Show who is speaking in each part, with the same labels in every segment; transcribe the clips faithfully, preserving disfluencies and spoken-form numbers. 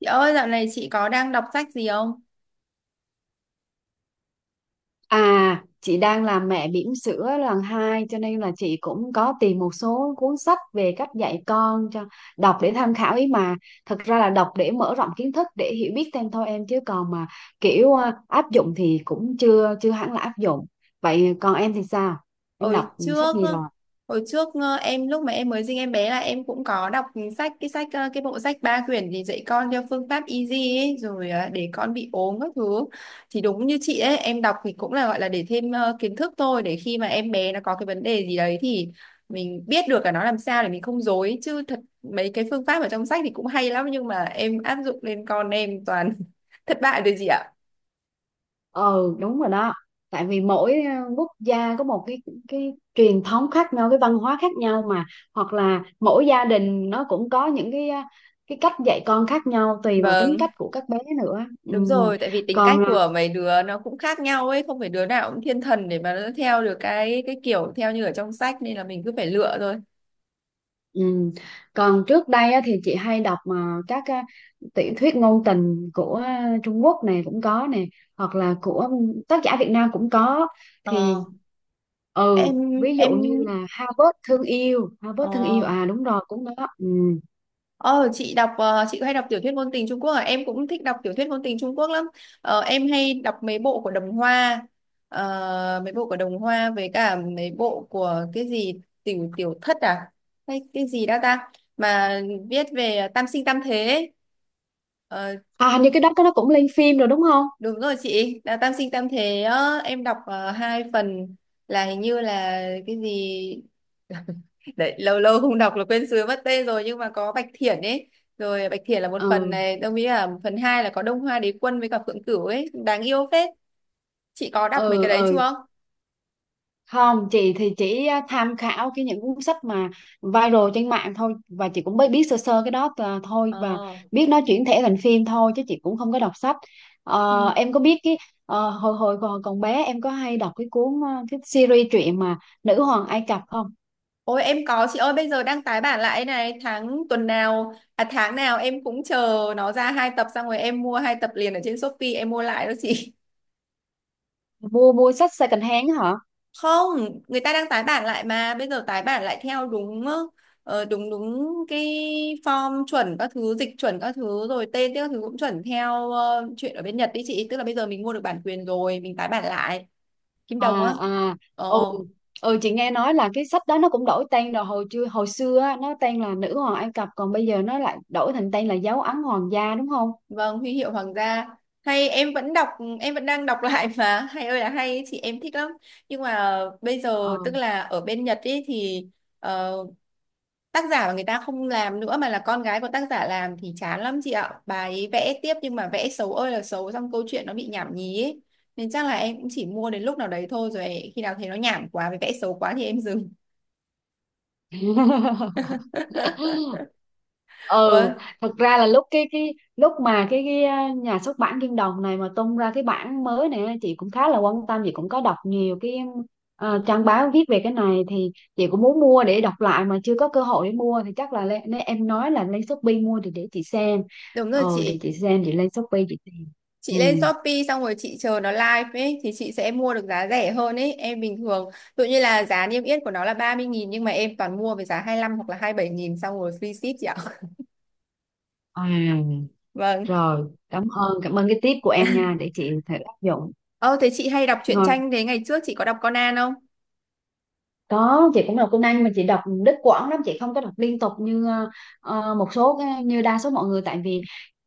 Speaker 1: Chị ơi, dạo này chị có đang đọc sách gì không?
Speaker 2: À, chị đang làm mẹ bỉm sữa lần hai cho nên là chị cũng có tìm một số cuốn sách về cách dạy con cho đọc để tham khảo ý mà. Thật ra là đọc để mở rộng kiến thức để hiểu biết thêm thôi em, chứ còn mà kiểu à, áp dụng thì cũng chưa chưa hẳn là áp dụng. Vậy còn em thì sao? Em
Speaker 1: Hồi
Speaker 2: đọc sách
Speaker 1: trước,
Speaker 2: gì rồi?
Speaker 1: hồi trước ờ, em lúc mà em mới sinh em bé là em cũng có đọc sách cái sách ờ, cái bộ sách ba quyển gì dạy con theo phương pháp easy ấy, rồi ờ, để con bị ốm các thứ. Thì đúng như chị ấy, em đọc thì cũng là gọi là để thêm ờ, kiến thức thôi, để khi mà em bé nó có cái vấn đề gì đấy thì mình biết được là nó làm sao để mình không dối, chứ thật mấy cái phương pháp ở trong sách thì cũng hay lắm nhưng mà em áp dụng lên con em toàn thất bại rồi chị ạ.
Speaker 2: Ừ, đúng rồi đó, tại vì mỗi ờ, quốc gia có một cái cái truyền thống khác nhau, cái văn hóa khác nhau mà, hoặc là mỗi gia đình nó cũng có những cái ờ, cái cách dạy con khác nhau, tùy vào tính
Speaker 1: Vâng.
Speaker 2: cách của các bé nữa. Ừ.
Speaker 1: Đúng rồi, tại vì tính cách
Speaker 2: còn ờ,
Speaker 1: của mấy đứa nó cũng khác nhau ấy, không phải đứa nào cũng thiên thần để mà nó theo được cái cái kiểu theo như ở trong sách, nên là mình cứ phải lựa thôi.
Speaker 2: Ừ. Còn trước đây á, thì chị hay đọc mà các à, tiểu thuyết ngôn tình của à, Trung Quốc này cũng có nè, hoặc là của tác giả Việt Nam cũng có. Thì
Speaker 1: Ờ,
Speaker 2: ừ,
Speaker 1: em
Speaker 2: ví dụ
Speaker 1: em
Speaker 2: như là Harvard thương yêu. Harvard thương yêu
Speaker 1: ờ
Speaker 2: à đúng rồi, cũng đó. Ừ.
Speaker 1: ờ, chị đọc ờ, chị hay đọc tiểu thuyết ngôn tình Trung Quốc à? Em cũng thích đọc tiểu thuyết ngôn tình Trung Quốc lắm. Ờ, em hay đọc mấy bộ của Đồng Hoa. Ờ, mấy bộ của Đồng Hoa với cả mấy bộ của cái gì Tiểu Tiểu Thất à? Hay cái gì đó ta mà viết về tam sinh tam thế ấy. Ờ,
Speaker 2: À, hình như cái đó nó cũng lên phim rồi đúng không?
Speaker 1: Đúng rồi chị, là Tam Sinh Tam Thế á, em đọc ờ, hai phần, là hình như là cái gì đấy lâu lâu không đọc là quên sứ mất tên rồi, nhưng mà có Bạch Thiển ấy, rồi Bạch Thiển là một phần
Speaker 2: Ừ,
Speaker 1: này, đồng ý là phần hai là có Đông Hoa Đế Quân với cả Phượng Cửu ấy, đáng yêu phết. Chị có đọc mấy
Speaker 2: ừ.
Speaker 1: cái đấy
Speaker 2: Ừ,
Speaker 1: chưa?
Speaker 2: không, chị thì chỉ à, tham khảo cái những cuốn sách mà viral trên mạng thôi, và chị cũng mới biết sơ sơ cái đó à, thôi, và
Speaker 1: ờ
Speaker 2: biết nó chuyển thể thành phim thôi chứ chị cũng không có đọc sách.
Speaker 1: ừ.
Speaker 2: Ờ, em có biết cái ờ, hồi hồi còn còn bé em có hay đọc cái cuốn à, cái series truyện mà Nữ hoàng Ai Cập không?
Speaker 1: Ôi em có chị ơi, bây giờ đang tái bản lại này, tháng tuần nào à tháng nào em cũng chờ nó ra hai tập, xong rồi em mua hai tập liền ở trên Shopee, em mua lại đó chị.
Speaker 2: Mua mua sách second hand á hả?
Speaker 1: Không, người ta đang tái bản lại mà, bây giờ tái bản lại theo đúng ờ, ờ, đúng đúng cái form chuẩn các thứ, dịch chuẩn các thứ, rồi tên các thứ cũng chuẩn theo ờ, chuyện ở bên Nhật đi chị, tức là bây giờ mình mua được bản quyền rồi mình tái bản lại. Kim Đồng
Speaker 2: À,
Speaker 1: á.
Speaker 2: à.
Speaker 1: ờ
Speaker 2: Ừ, ừ, chị nghe nói là cái sách đó nó cũng đổi tên rồi. Hồi chưa hồi xưa á, nó tên là Nữ hoàng Ai Cập, còn bây giờ nó lại đổi thành tên là Dấu ấn hoàng gia đúng không?
Speaker 1: vâng, huy hiệu hoàng gia, hay em vẫn đọc em vẫn đang đọc lại, mà hay ơi là hay chị, em thích lắm. Nhưng mà bây giờ
Speaker 2: Ờ.
Speaker 1: tức là ở bên Nhật ý thì ờ, tác giả mà người ta không làm nữa, mà là con gái của tác giả làm thì chán lắm chị ạ. Bà ấy vẽ tiếp nhưng mà vẽ xấu ơi là xấu, xong câu chuyện nó bị nhảm nhí ấy. Nên chắc là em cũng chỉ mua đến lúc nào đấy thôi, rồi khi nào thấy nó nhảm quá với vẽ xấu quá thì em dừng.
Speaker 2: Ừ,
Speaker 1: Ừ,
Speaker 2: thật ra là lúc cái cái lúc mà cái, cái à, nhà xuất bản Kim Đồng này mà tung ra cái bản mới này, chị cũng khá là quan tâm. Chị cũng có đọc nhiều cái à, trang báo viết về cái này, thì chị cũng muốn mua để đọc lại mà chưa có cơ hội để mua, thì chắc là lên, nên em nói là lên Shopee mua thì để chị xem.
Speaker 1: đúng rồi
Speaker 2: Ừ, để
Speaker 1: chị.
Speaker 2: chị xem, chị lên Shopee chị tìm. Ừ.
Speaker 1: Chị lên Shopee xong rồi chị chờ nó live ấy thì chị sẽ mua được giá rẻ hơn ấy. Em bình thường tự như là giá niêm yết của nó là ba mươi nghìn nhưng mà em toàn mua với giá hai mươi lăm hoặc là hai mươi bảy nghìn, xong rồi free ship chị ạ.
Speaker 2: à,
Speaker 1: Vâng.
Speaker 2: Rồi, cảm ơn, cảm ơn cái tip của em nha, để chị thử áp dụng.
Speaker 1: Ờ thế chị hay đọc truyện tranh, thế ngày trước chị có đọc Conan không?
Speaker 2: Có, chị cũng đọc Tuấn Anh mà chị đọc đứt quãng lắm, chị không có đọc liên tục như ờ, một số cái- như đa số mọi người, tại vì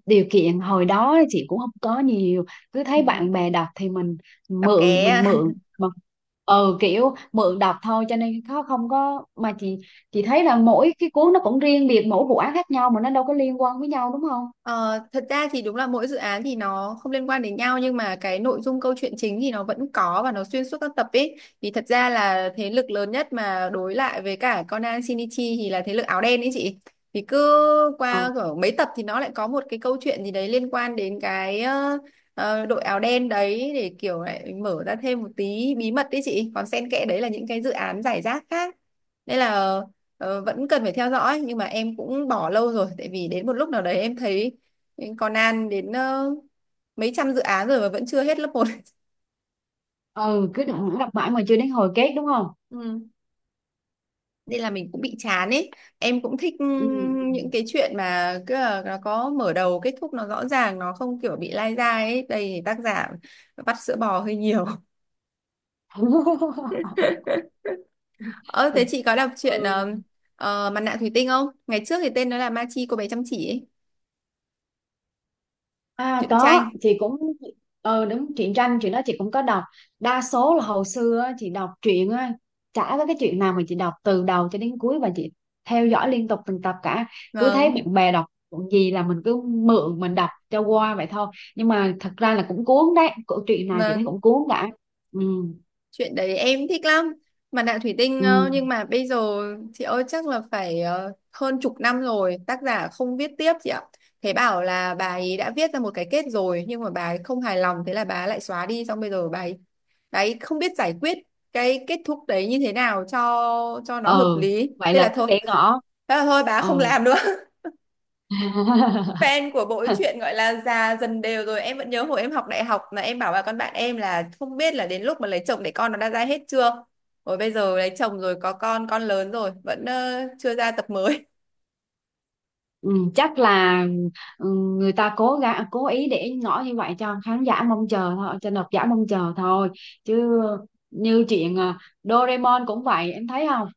Speaker 2: điều kiện hồi đó chị cũng không có nhiều. Cứ thấy bạn bè đọc thì mình
Speaker 1: Đọc
Speaker 2: mượn,
Speaker 1: cái.
Speaker 2: mình mượn mà. Ừ, kiểu mượn đọc thôi, cho nên nó không có mà chị chị thấy là mỗi cái cuốn nó cũng riêng biệt, mỗi vụ án khác nhau mà nó đâu có liên quan với nhau đúng không?
Speaker 1: Ờ, thật ra thì đúng là mỗi dự án thì nó không liên quan đến nhau, nhưng mà cái nội dung câu chuyện chính thì nó vẫn có và nó xuyên suốt các tập ấy. Thì thật ra là thế lực lớn nhất mà đối lại với cả Conan Shinichi thì là thế lực áo đen ấy chị. Thì cứ
Speaker 2: Ừ,
Speaker 1: qua kiểu mấy tập thì nó lại có một cái câu chuyện gì đấy liên quan đến cái ờ, ờ, đội áo đen đấy để kiểu lại mở ra thêm một tí bí mật đấy chị. Còn xen kẽ đấy là những cái dự án giải rác khác. Nên là ờ, vẫn cần phải theo dõi nhưng mà em cũng bỏ lâu rồi, tại vì đến một lúc nào đấy em thấy mình còn An đến ờ, mấy trăm dự án rồi mà vẫn chưa hết lớp một.
Speaker 2: ừ, cứ đọc, đọc mãi mà chưa đến hồi kết đúng không?
Speaker 1: Ừ. Nên là mình cũng bị chán ấy, em cũng thích
Speaker 2: Ừ.
Speaker 1: ừm, những cái chuyện mà cứ là nó có mở đầu kết thúc nó rõ ràng, nó không kiểu bị lai dai ấy, đây thì tác giả vắt sữa bò hơi nhiều. Ơ thế chị có đọc chuyện ờ,
Speaker 2: Ừ.
Speaker 1: ờ, Mặt nạ thủy tinh không, ngày trước thì tên nó là Ma Chi cô bé chăm chỉ ấy,
Speaker 2: À
Speaker 1: truyện
Speaker 2: có,
Speaker 1: tranh.
Speaker 2: chị cũng, ờ đúng, truyện tranh, chuyện đó chị cũng có đọc. Đa số là hồi xưa á, chị đọc truyện á, chả có cái chuyện nào mà chị đọc từ đầu cho đến cuối và chị theo dõi liên tục từng tập cả. Cứ thấy
Speaker 1: Vâng.
Speaker 2: bạn bè đọc chuyện gì là mình cứ mượn, mình đọc cho qua vậy thôi. Nhưng mà thật ra là cũng cuốn đấy, câu chuyện nào chị thấy
Speaker 1: Vâng,
Speaker 2: cũng cuốn cả. Ừ.
Speaker 1: chuyện đấy em thích lắm. Mặt nạ thủy tinh
Speaker 2: Ừ.
Speaker 1: ờ, nhưng mà bây giờ chị ơi, chắc là phải ờ, hơn chục năm rồi tác giả không viết tiếp chị ạ. Thế bảo là bà ấy đã viết ra một cái kết rồi nhưng mà bà ấy không hài lòng, thế là bà ấy lại xóa đi, xong bây giờ bà ấy, bà ấy không biết giải quyết cái kết thúc đấy như thế nào cho cho nó hợp
Speaker 2: Ừ,
Speaker 1: lý.
Speaker 2: vậy
Speaker 1: Thế
Speaker 2: là
Speaker 1: là
Speaker 2: cứ
Speaker 1: thôi.
Speaker 2: để ngỏ.
Speaker 1: Thế là thôi, bà ấy
Speaker 2: Ờ.
Speaker 1: không làm nữa. Fan của bộ truyện gọi là già dần đều rồi. Em vẫn nhớ hồi em học đại học là em bảo là con bạn em là không biết là đến lúc mà lấy chồng để con nó đã ra hết chưa, rồi bây giờ lấy chồng rồi có con con lớn rồi vẫn ờ, chưa ra tập mới.
Speaker 2: Ừ, chắc là ừ, người ta cố gắng cố ý để ngỏ như vậy cho khán giả mong chờ thôi, cho độc giả mong chờ thôi, chứ như chuyện à, Doraemon cũng vậy em thấy không?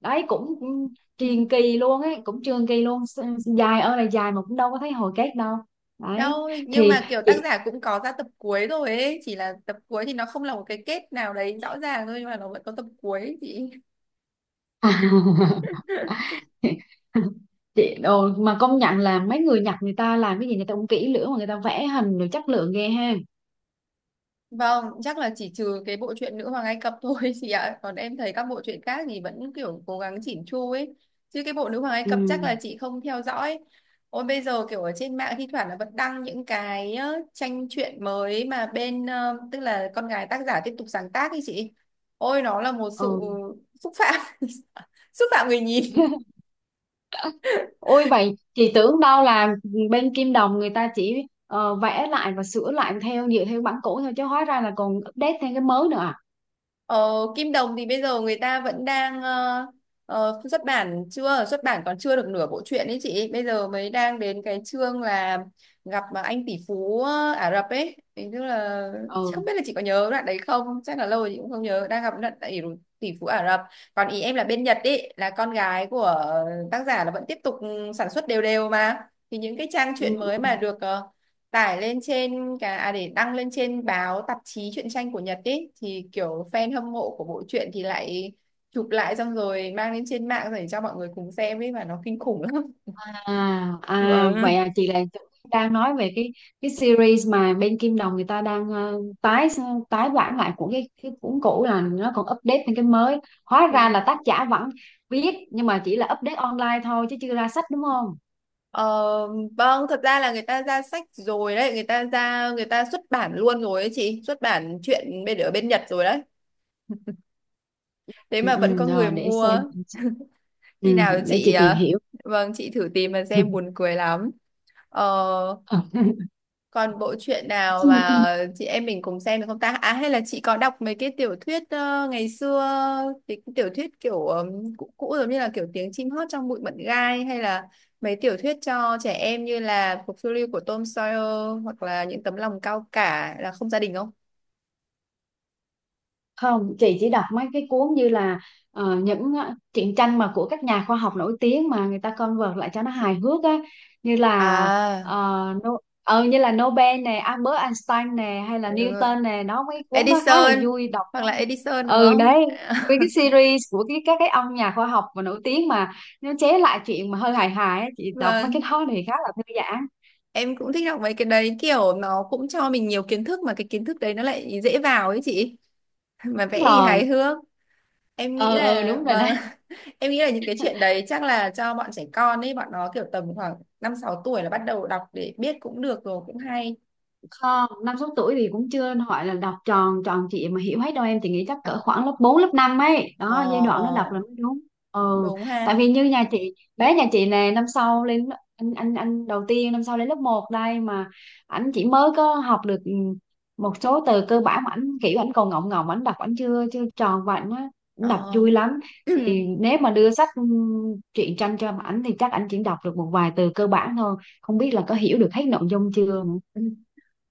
Speaker 2: Đấy cũng cũng truyền kỳ luôn ấy, cũng truyền kỳ luôn. S- dài ơi là dài mà cũng đâu có thấy hồi kết đâu. Đấy
Speaker 1: Đâu nhưng
Speaker 2: thì
Speaker 1: mà kiểu tác
Speaker 2: chị
Speaker 1: giả cũng có ra tập cuối rồi ấy, chỉ là tập cuối thì nó không là một cái kết nào đấy rõ ràng thôi, nhưng mà nó vẫn có tập cuối ấy chị.
Speaker 2: chị đồ mà công nhận là mấy người Nhật người ta làm cái gì người ta cũng kỹ lưỡng, mà người ta vẽ hình rồi chất lượng ghê ha.
Speaker 1: Vâng, chắc là chỉ trừ cái bộ truyện Nữ hoàng Ai Cập thôi chị ạ. Còn em thấy các bộ truyện khác thì vẫn kiểu cố gắng chỉn chu ấy. Chứ cái bộ Nữ hoàng Ai Cập chắc
Speaker 2: Ừ.
Speaker 1: là chị không theo dõi. Ôi bây giờ kiểu ở trên mạng thi thoảng là vẫn đăng những cái ờ, tranh truyện mới mà bên ờ, tức là con gái tác giả tiếp tục sáng tác ấy chị. Ôi nó là một sự
Speaker 2: Ừ.
Speaker 1: xúc phạm. Xúc phạm người nhìn.
Speaker 2: Ôi, vậy chị tưởng đâu là bên Kim Đồng người ta chỉ ờ, vẽ lại và sửa lại theo, dựa theo bản cũ thôi, chứ hóa ra là còn update thêm cái mới nữa à?
Speaker 1: Ờ, Kim Đồng thì bây giờ người ta vẫn đang ờ, ờ, xuất bản, chưa xuất bản còn chưa được nửa bộ truyện ấy chị, bây giờ mới đang đến cái chương là gặp mà anh tỷ phú ờ, Ả Rập ấy. Thế tức là chị
Speaker 2: Ừ.
Speaker 1: không biết là chị có nhớ đoạn đấy không, chắc là lâu rồi chị cũng không nhớ, đang gặp đoạn tỷ, tỷ phú Ả Rập. Còn ý em là bên Nhật ấy là con gái của tác giả là vẫn tiếp tục ừ, sản xuất đều đều mà, thì những cái trang
Speaker 2: Ừ.
Speaker 1: truyện mới
Speaker 2: Ừ.
Speaker 1: mà được ờ, tải lên trên cả à, để đăng lên trên báo tạp chí truyện tranh của Nhật ý, thì kiểu fan hâm mộ của bộ truyện thì lại chụp lại xong rồi mang lên trên mạng để cho mọi người cùng xem ấy, mà nó kinh khủng lắm.
Speaker 2: À, à,
Speaker 1: Vâng.
Speaker 2: vậy à, chị là đang nói về cái cái series mà bên Kim Đồng người ta đang ờ, tái, tái bản lại của cái cái cuốn cũ là nó còn update thêm cái mới. Hóa ra là
Speaker 1: Ừ.
Speaker 2: tác giả vẫn viết nhưng mà chỉ là update online thôi chứ chưa ra sách đúng không?
Speaker 1: Ờ, vâng, thật ra là người ta ra sách rồi đấy, người ta ra, người ta xuất bản luôn rồi ấy chị, xuất bản truyện bên ở bên Nhật rồi đấy, thế
Speaker 2: Ừ,
Speaker 1: mà vẫn
Speaker 2: ừ,
Speaker 1: có người
Speaker 2: rồi để
Speaker 1: mua.
Speaker 2: xem.
Speaker 1: Khi
Speaker 2: Ừ,
Speaker 1: nào
Speaker 2: để
Speaker 1: chị
Speaker 2: chị tìm
Speaker 1: à,
Speaker 2: hiểu.
Speaker 1: vâng chị thử tìm mà xem buồn cười lắm. Ờ, còn bộ truyện nào
Speaker 2: Ừ, ừ.
Speaker 1: mà chị em mình cùng xem được không ta? À hay là chị có đọc mấy cái tiểu thuyết ờ, ngày xưa, cái tiểu thuyết kiểu ừm, cũ cũ, giống như là kiểu Tiếng chim hót trong bụi mận gai, hay là mấy tiểu thuyết cho trẻ em như là Cuộc phiêu lưu của Tom Sawyer, hoặc là Những tấm lòng cao cả, Là không gia đình không?
Speaker 2: Không, chị chỉ đọc mấy cái cuốn như là ờ, những ờ, truyện tranh mà của các nhà khoa học nổi tiếng mà người ta convert lại cho nó hài hước á, như là
Speaker 1: À
Speaker 2: ờ, no, ờ, như là Nobel nè, Albert Einstein nè, hay là
Speaker 1: đúng rồi.
Speaker 2: Newton nè. Nó mấy cuốn đó khá là
Speaker 1: Edison,
Speaker 2: vui đọc.
Speaker 1: hoặc là Edison đúng
Speaker 2: Ừ,
Speaker 1: không?
Speaker 2: đấy, với cái series của cái các cái ông nhà khoa học mà nổi tiếng mà nó chế lại chuyện mà hơi hài hài á, chị đọc mấy cái
Speaker 1: Vâng,
Speaker 2: đó thì khá là thư giãn.
Speaker 1: em cũng thích đọc mấy cái đấy, kiểu nó cũng cho mình nhiều kiến thức mà cái kiến thức đấy nó lại dễ vào ấy chị. Mà
Speaker 2: Đúng
Speaker 1: vẽ thì hài
Speaker 2: rồi.
Speaker 1: hước. Em nghĩ
Speaker 2: Ừ, ừ,
Speaker 1: là
Speaker 2: đúng rồi
Speaker 1: vâng,
Speaker 2: đấy.
Speaker 1: em nghĩ là những cái chuyện đấy chắc là cho bọn trẻ con ấy, bọn nó kiểu tầm khoảng năm sáu tuổi là bắt đầu đọc để biết cũng được, rồi cũng hay.
Speaker 2: Không, năm sáu tuổi thì cũng chưa gọi là đọc tròn tròn trịa mà hiểu hết đâu em. Chỉ nghĩ chắc
Speaker 1: ờ
Speaker 2: cỡ khoảng lớp bốn, lớp năm ấy
Speaker 1: ờ
Speaker 2: đó, giai đoạn nó
Speaker 1: ờ,
Speaker 2: đọc là mới đúng. Ừ,
Speaker 1: Đúng
Speaker 2: tại
Speaker 1: ha.
Speaker 2: vì như nhà chị, bé nhà chị nè, năm sau lên, anh anh anh đầu tiên năm sau lên lớp một đây mà ảnh chỉ mới có học được ừ, một số từ cơ bản, mà ảnh kiểu ảnh còn ngọng ngọng, ảnh đọc ảnh chưa chưa tròn, và ảnh á, ảnh đọc
Speaker 1: Ờ
Speaker 2: vui lắm. Thì nếu mà đưa sách ừ, truyện tranh cho ảnh thì chắc ảnh chỉ đọc được một vài từ cơ bản thôi, không biết là có hiểu được hết nội dung chưa nữa.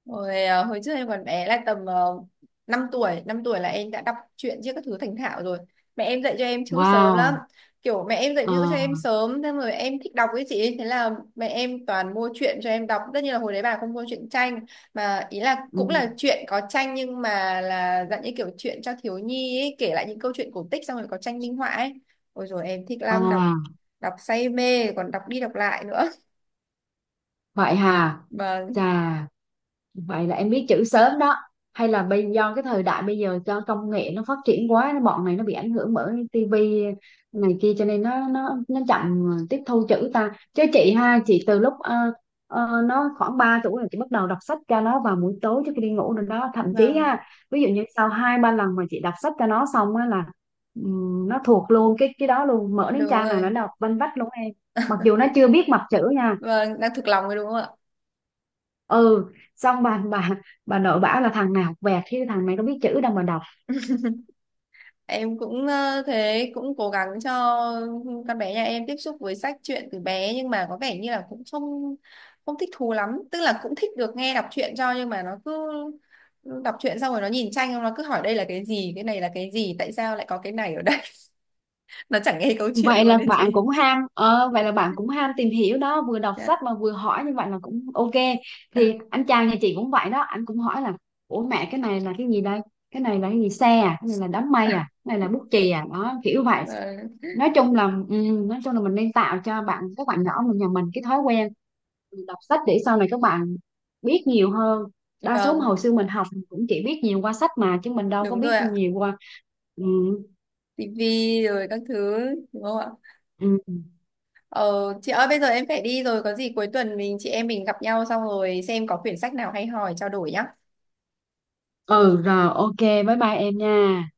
Speaker 1: Hồi, à, hồi trước em còn bé là tầm uh, năm tuổi năm tuổi là em đã đọc truyện chứ các thứ thành thạo rồi, mẹ em dạy cho em chữ sớm lắm.
Speaker 2: Wow.
Speaker 1: Kiểu mẹ em dạy
Speaker 2: Ờ,
Speaker 1: chữ cho em sớm thế rồi em thích đọc ấy chị, thế là mẹ em toàn mua truyện cho em đọc, tất nhiên là hồi đấy bà không mua truyện tranh, mà ý là cũng
Speaker 2: ừ.
Speaker 1: là truyện có tranh nhưng mà là dạng như kiểu truyện cho thiếu nhi ấy, kể lại những câu chuyện cổ tích xong rồi có tranh minh họa ấy. Ôi rồi em thích lắm, đọc
Speaker 2: À,
Speaker 1: đọc say mê, còn đọc đi đọc lại nữa.
Speaker 2: vậy hà.
Speaker 1: Vâng.
Speaker 2: Chà, vậy là em biết chữ sớm đó. Hay là bây do cái thời đại bây giờ cho công nghệ nó phát triển quá, bọn này nó bị ảnh hưởng bởi tivi này kia cho nên nó nó nó chậm tiếp thu chữ ta. Chứ chị ha, chị từ lúc ờ, ờ, nó khoảng ba tuổi là chị bắt đầu đọc sách cho nó vào buổi tối trước khi đi ngủ rồi đó. Thậm chí
Speaker 1: Vâng,
Speaker 2: ha, ví dụ như sau hai ba lần mà chị đọc sách cho nó xong á là ừm, nó thuộc luôn cái cái đó luôn, mở đến
Speaker 1: đúng
Speaker 2: trang nào nó
Speaker 1: rồi,
Speaker 2: đọc vanh vách luôn em. Mặc dù nó chưa biết mặt chữ nha.
Speaker 1: vâng, đang thực lòng rồi đúng không ạ?
Speaker 2: Ừ, xong bà bà bà nội bảo là thằng nào học vẹt chứ thằng này nó biết chữ đâu mà đọc.
Speaker 1: Em cũng ờ, thế cũng cố gắng cho con bé nhà em tiếp xúc với sách truyện từ bé, nhưng mà có vẻ như là cũng không không thích thú lắm, tức là cũng thích được nghe đọc truyện cho, nhưng mà nó cứ đọc truyện xong rồi nó nhìn tranh, nó cứ hỏi đây là cái gì, cái này là cái gì, tại sao lại có cái này ở đây. Nó chẳng nghe câu chuyện
Speaker 2: Vậy
Speaker 1: luôn
Speaker 2: là
Speaker 1: đấy chị.
Speaker 2: bạn cũng ham ờ, vậy là bạn cũng ham tìm hiểu đó, vừa đọc
Speaker 1: Dạ.
Speaker 2: sách mà vừa hỏi như vậy là cũng ok. Thì anh chàng nhà chị cũng vậy đó, anh cũng hỏi là ủa mẹ cái này là cái gì đây, cái này là cái gì, xe à, cái này là đám mây à, cái này là bút chì à, đó kiểu vậy.
Speaker 1: Ờ,
Speaker 2: Nói chung là ừ, nói chung là mình nên tạo cho bạn các bạn nhỏ mình, nhà mình cái thói quen đọc sách để sau này các bạn biết nhiều hơn. Đa số mà
Speaker 1: vâng,
Speaker 2: hồi xưa mình học cũng chỉ biết nhiều qua sách mà, chứ mình đâu có
Speaker 1: đúng
Speaker 2: biết
Speaker 1: rồi ạ.
Speaker 2: nhiều qua ừ,
Speaker 1: Tivi rồi các thứ đúng không ạ?
Speaker 2: ừ.
Speaker 1: Ờ, chị ơi bây giờ em phải đi rồi, có gì cuối tuần mình chị em mình gặp nhau xong rồi xem có quyển sách nào hay hỏi trao đổi nhá.
Speaker 2: ừ. Rồi ok, bye bye em nha.